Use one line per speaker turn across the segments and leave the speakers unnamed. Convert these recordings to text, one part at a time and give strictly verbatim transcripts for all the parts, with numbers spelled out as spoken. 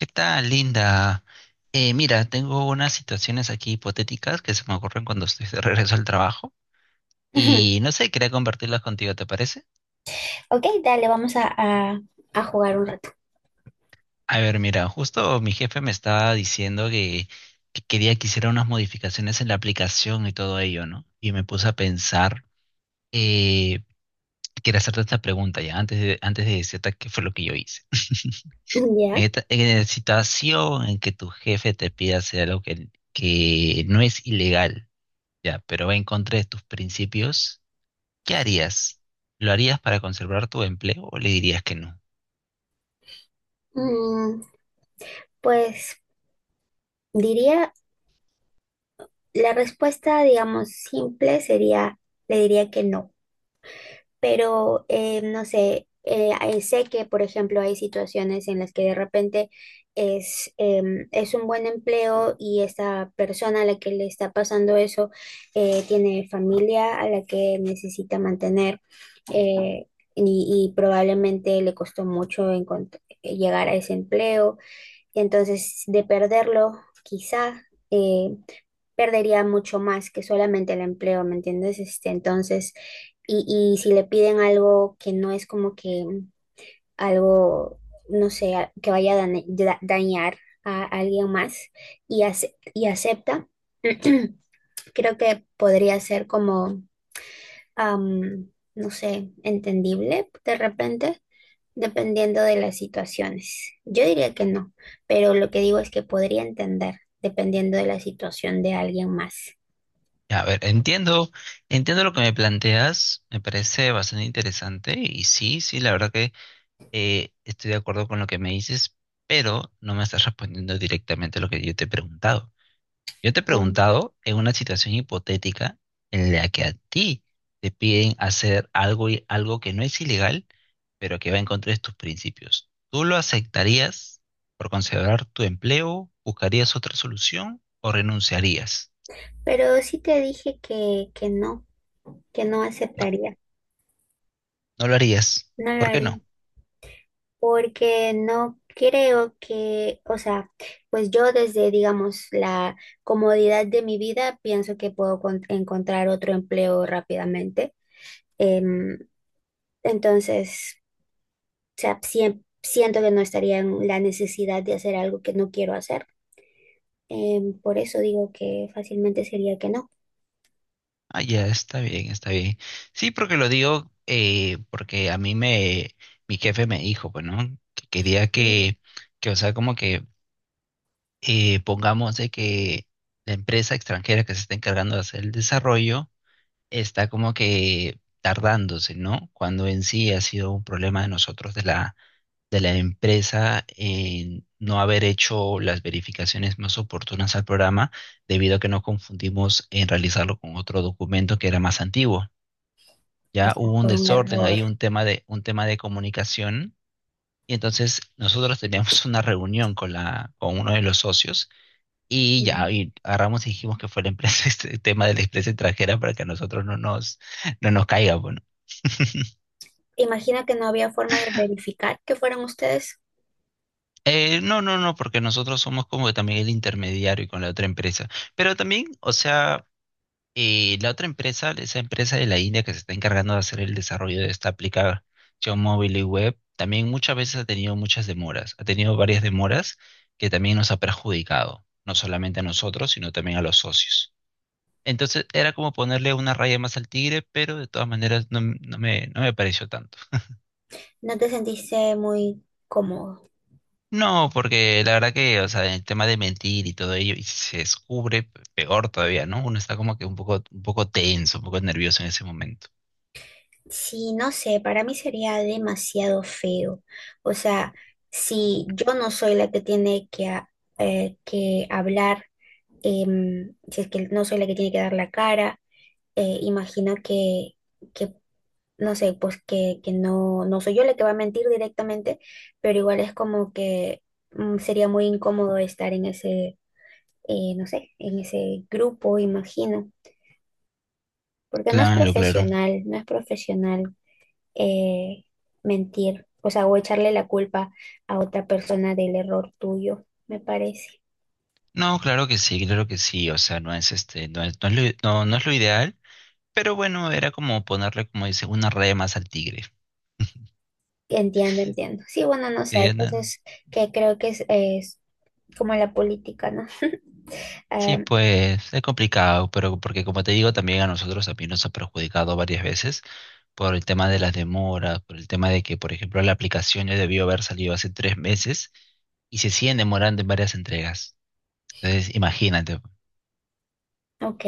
¿Qué tal, Linda? Eh, mira, tengo unas situaciones aquí hipotéticas que se me ocurren cuando estoy de regreso al trabajo
Ujú.
y no sé, quería compartirlas contigo, ¿te parece?
Ok, dale, vamos a, a- a jugar un rato.
A ver, mira, justo mi jefe me estaba diciendo que, que quería que hiciera unas modificaciones en la aplicación y todo ello, ¿no? Y me puse a pensar, eh, quería hacerte esta pregunta ya, antes de, antes de decirte qué fue lo que yo hice.
Ya.
En esta, en la situación en que tu jefe te pida hacer algo que, que no es ilegal. Ya, pero va en contra de tus principios. ¿Qué harías? ¿Lo harías para conservar tu empleo o le dirías que no?
Mm, pues diría, la respuesta, digamos, simple sería, le diría que no. Pero eh, no sé, eh, eh, sé que, por ejemplo, hay situaciones en las que de repente es, em, es un buen empleo y esta persona a la que le está pasando eso eh, tiene familia a la que necesita mantener, eh, y, y probablemente le costó mucho encont- llegar a ese empleo. Entonces, de perderlo, quizá, eh, perdería mucho más que solamente el empleo, ¿me entiendes? Este, entonces, y, y si le piden algo que no es como que algo, no sé, a- que vaya a dane- da- dañar a alguien más y, ace- y acepta, creo que podría ser como, am, no sé, entendible de repente, dependiendo de las situaciones. Yo diría que no, pero lo que digo es que podría entender dependiendo de la situación de alguien más.
Ya, a ver, entiendo, entiendo lo que me planteas, me parece bastante interesante y sí, sí, la verdad que eh, estoy de acuerdo con lo que me dices, pero no me estás respondiendo directamente a lo que yo te he preguntado. Yo te he preguntado en una situación hipotética en la que a ti te piden hacer algo y algo que no es ilegal, pero que va en contra de tus principios. ¿Tú lo aceptarías por conservar tu empleo? ¿Buscarías otra solución o renunciarías?
Pero sí te dije que, que no, que no
No,
aceptaría,
no lo harías.
no lo
¿Por qué
haría,
no?
porque no creo que, o sea, pues yo desde, digamos, la comodidad de mi vida, pienso que puedo con- encontrar otro empleo rápidamente. Em, entonces, o sea, siem- siento que no estaría en la necesidad de hacer algo que no quiero hacer. Em, por eso digo que fácilmente sería que no.
Ah, ya, está bien, está bien. Sí, porque lo digo eh, porque a mí me, mi jefe me dijo, bueno, que quería
Mm.
que, que, o sea, como que eh, pongamos de que la empresa extranjera que se está encargando de hacer el desarrollo está como que tardándose, ¿no? Cuando en sí ha sido un problema de nosotros, de la, de la empresa, en no haber hecho las verificaciones más oportunas al programa, debido a que nos confundimos en realizarlo con otro documento que era más antiguo.
O
Ya
sea,
hubo un
fue un
desorden,
error.
ahí un tema de, un tema de comunicación. Y entonces nosotros teníamos una reunión con la, con uno de los socios y ya,
Ya.
y agarramos y dijimos que fue la empresa, este tema de la empresa extranjera para que a nosotros no nos, no nos caiga, bueno.
Imagino que no había forma de verificar que fueran ustedes.
Eh, no, no, no, porque nosotros somos como que también el intermediario con la otra empresa. Pero también, o sea, eh, la otra empresa, esa empresa de la India que se está encargando de hacer el desarrollo de esta aplicación móvil y web, también muchas veces ha tenido muchas demoras, ha tenido varias demoras que también nos ha perjudicado, no solamente a nosotros, sino también a los socios. Entonces era como ponerle una raya más al tigre, pero de todas maneras no, m- no me, no me pareció tanto.
¿No te sentiste muy cómodo?
No, porque la verdad que, o sea, el tema de mentir y todo ello, y si se descubre, pe- peor todavía, ¿no? Uno está como que un poco, un poco tenso, un poco nervioso en ese momento.
Sí, no sé, para mí sería demasiado feo. O sea, si yo no soy la que tiene que, a- eh, que hablar, em, si es que no soy la que tiene que dar la cara, eh, imagino que, que, no sé, pues que, que no, no soy yo la que va a mentir directamente, pero igual es como que mm, sería muy incómodo estar en ese, eh, no sé, en ese grupo, imagino, porque no es
Claro, claro.
profesional, no es profesional eh, mentir, o sea, o echarle la culpa a otra persona del error tuyo, me parece.
No, claro que sí, claro que sí. O sea, no es este, no es, no es lo, no, no es lo ideal, pero bueno, era como ponerle, como dice, una raya más al tigre.
Entiendo, entiendo. Sí, bueno, no sé, hay
Sí, no- no.
cosas que creo que es, es como la política, ¿no?
Sí,
Em,
pues es complicado, pero porque como te digo, también a nosotros, a mí nos ha perjudicado varias veces, por el tema de las demoras, por el tema de que, por ejemplo, la aplicación ya debió haber salido hace tres meses y se siguen demorando en varias entregas. Entonces, imagínate.
ok,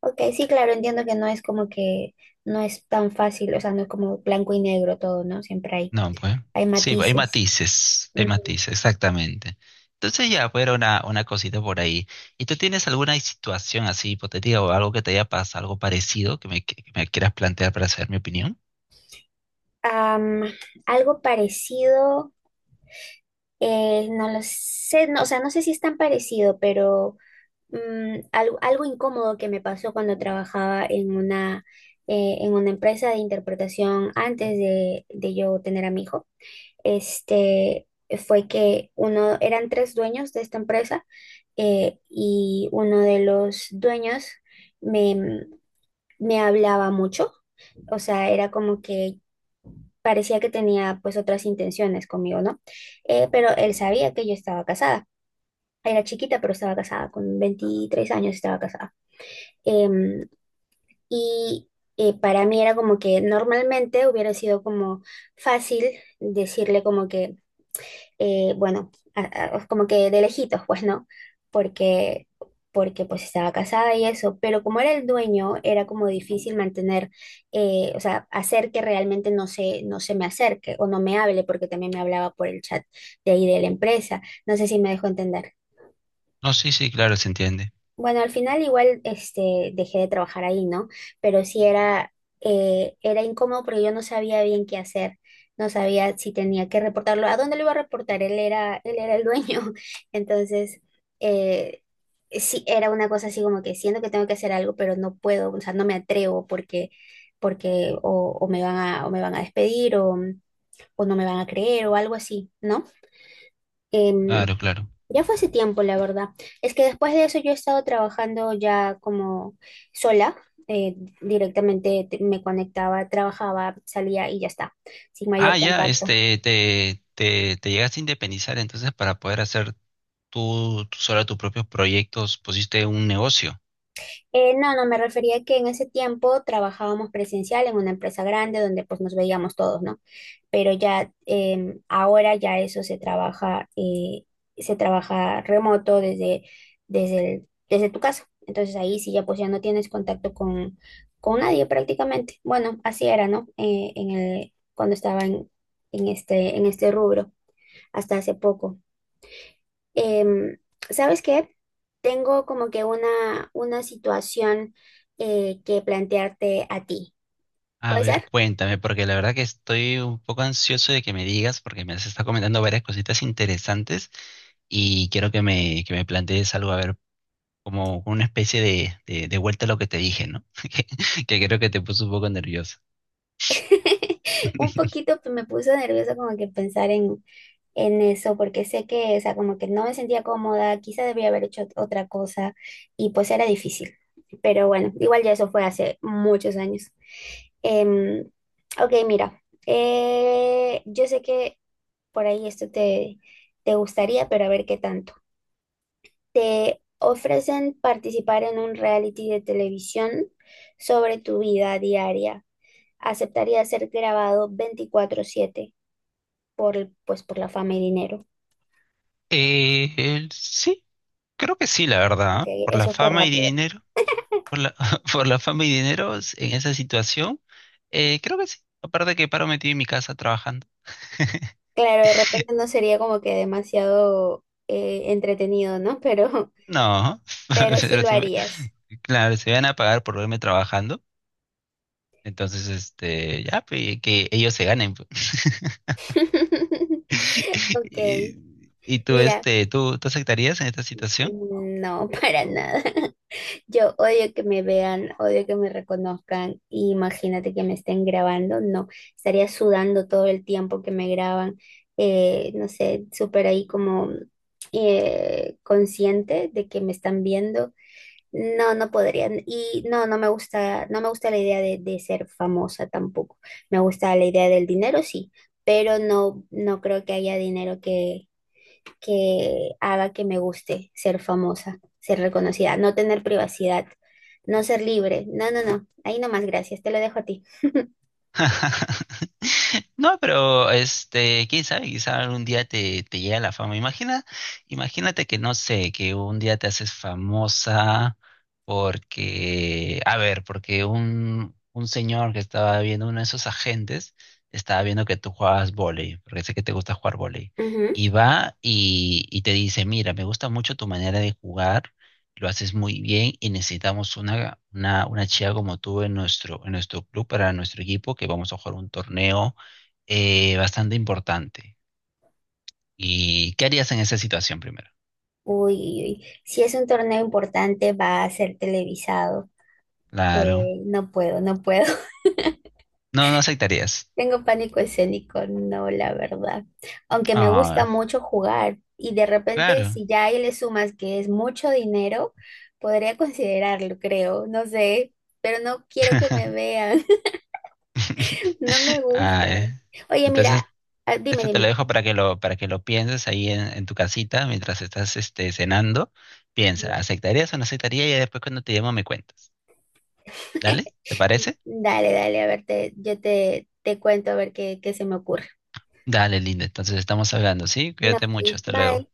ok, sí, claro, entiendo que no es como que no es tan fácil, o sea, no es como blanco y negro todo, ¿no? Siempre hay,
No, pues.
hay
Sí, hay
matices.
matices, hay
Ujú.
matices, exactamente. Entonces ya, pues era una, una cosita por ahí. ¿Y tú tienes alguna situación así hipotética o algo que te haya pasado, algo parecido que me, que me quieras plantear para saber mi opinión?
Am, algo parecido, eh, no lo sé, no, o sea, no sé si es tan parecido, pero mm, algo, algo incómodo que me pasó cuando trabajaba en una, eh, en una empresa de interpretación antes de, de yo tener a mi hijo. este, Fue que uno, eran tres dueños de esta empresa, eh, y uno de los dueños me, me hablaba mucho. O sea, era como que parecía que tenía pues otras intenciones conmigo, ¿no? Eh, pero él sabía que yo estaba casada. Era chiquita, pero estaba casada, con veintitrés años estaba casada. Em, y eh, para mí era como que normalmente hubiera sido como fácil decirle como que eh, bueno, a- a- como que de lejitos, pues no, porque, porque pues estaba casada y eso, pero como era el dueño, era como difícil mantener, eh, o sea, hacer que realmente no se, no se me acerque o no me hable, porque también me hablaba por el chat de ahí de la empresa, no sé si me dejó entender.
No, sí, sí, claro, se entiende.
Bueno, al final igual este, dejé de trabajar ahí, ¿no? Pero sí era, eh, era incómodo porque yo no sabía bien qué hacer. No sabía si tenía que reportarlo. ¿A dónde lo iba a reportar? Él era, él era el dueño. Entonces, eh, sí, era una cosa así como que siento que tengo que hacer algo, pero no puedo, o sea, no me atrevo porque, porque o, o me van a, o me van a despedir o, o no me van a creer o algo así, ¿no? Em,
Claro, claro.
ya fue hace tiempo, la verdad. Es que después de eso yo he estado trabajando ya como sola. Eh, directamente te- me conectaba, trabajaba, salía y ya está, sin mayor
Ah, ya,
contacto.
este, te, te, te llegaste a independizar entonces para poder hacer tú, tú sobre tus propios proyectos pusiste un negocio.
Eh, no, no, me refería que en ese tiempo trabajábamos presencial en una empresa grande donde pues nos veíamos todos, ¿no? Pero ya, em, ahora ya eso se trabaja, eh, se trabaja remoto desde, desde el- desde tu casa. Entonces ahí sí ya pues ya no tienes contacto con, con nadie prácticamente. Bueno, así era, ¿no? Eh, en el, cuando estaba en, en este, en este rubro hasta hace poco. Em, ¿Sabes qué? Tengo como que una, una situación eh, que plantearte a ti.
A
¿Puede
ver,
ser?
cuéntame, porque la verdad que estoy un poco ansioso de que me digas, porque me has estado comentando varias cositas interesantes y quiero que me, que me plantees algo, a ver, como una especie de, de, de vuelta a lo que te dije, ¿no? Que, que creo que te puso un poco nervioso.
Un poquito pues, me puso nerviosa como que pensar en, en eso, porque sé que, o sea, como que no me sentía cómoda, quizá debía haber hecho ot- otra cosa y pues era difícil. Pero bueno, igual ya eso fue hace muchos años. Em, ok, mira, eh, yo sé que por ahí esto te, te gustaría, pero a ver qué tanto. Te ofrecen participar en un reality de televisión sobre tu vida diaria. ¿Aceptaría ser grabado veinticuatro siete por, el- pues, por la fama y dinero?
Eh, el- sí, creo que sí, la verdad,
Ok,
¿ah? Por la
eso fue
fama y
rápido.
dinero, por la, por la fama y dinero en esa situación, eh, creo que sí. Aparte que paro metido en mi casa trabajando.
Claro, de repente no sería como que demasiado eh, entretenido, ¿no? Pero,
No,
pero sí
pero
lo
sí me-
harías.
claro, se van a pagar por verme trabajando, entonces este, ya, pues, que ellos se ganen, pues. Y,
Ok,
y tú,
mira,
este, ¿tú, tú aceptarías en esta situación?
mm, no, para nada. Yo odio que me vean, odio que me reconozcan. Y, imagínate que me estén grabando, no, estaría sudando todo el tiempo que me graban, eh, no sé, súper ahí como eh, consciente de que me están viendo. No, no podrían. Y no, no me gusta, no me gusta la idea de, de ser famosa tampoco. Me gusta la idea del dinero, sí, pero no, no creo que haya dinero que que haga que me guste ser famosa, ser reconocida, no tener privacidad, no ser libre. No, no, no. Ahí nomás, gracias. Te lo dejo a ti.
No, pero este, quién sabe, quizá algún día te, te llega la fama. Imagina, imagínate que no sé, que un día te haces famosa porque, a ver, porque un, un señor que estaba viendo, uno de esos agentes, estaba viendo que tú jugabas vóley, porque sé que te gusta jugar vóley,
Ujú.
y va y, y te dice, mira, me gusta mucho tu manera de jugar, lo haces muy bien y necesitamos una, una, una chica como tú en nuestro, en nuestro club, para nuestro equipo, que vamos a jugar un torneo eh, bastante importante. ¿Y qué harías en esa situación primero?
Uy, uy, uy. Si es un torneo importante, va a ser televisado.
Claro.
Eh, no puedo, no puedo.
No, no aceptarías.
Tengo pánico escénico, no, la verdad. Aunque me gusta
Ah,
mucho jugar y de repente
claro.
si ya ahí le sumas que es mucho dinero, podría considerarlo, creo, no sé, pero no quiero que me vean, no me
Ah,
gusta.
eh.
Oye, mira,
Entonces,
ah, dime,
esto te lo
dime.
dejo para que lo, para que lo pienses ahí en, en tu casita mientras estás este, cenando. Piensa,
Ya.
¿aceptarías o no aceptarías? Y después cuando te llamo me cuentas. ¿Dale? ¿Te parece?
Dale, dale, a ver, te- yo te, te cuento a ver qué, qué se me ocurre.
Dale, linda. Entonces estamos hablando, ¿sí?
No,
Cuídate mucho.
ok,
Hasta luego.
bye.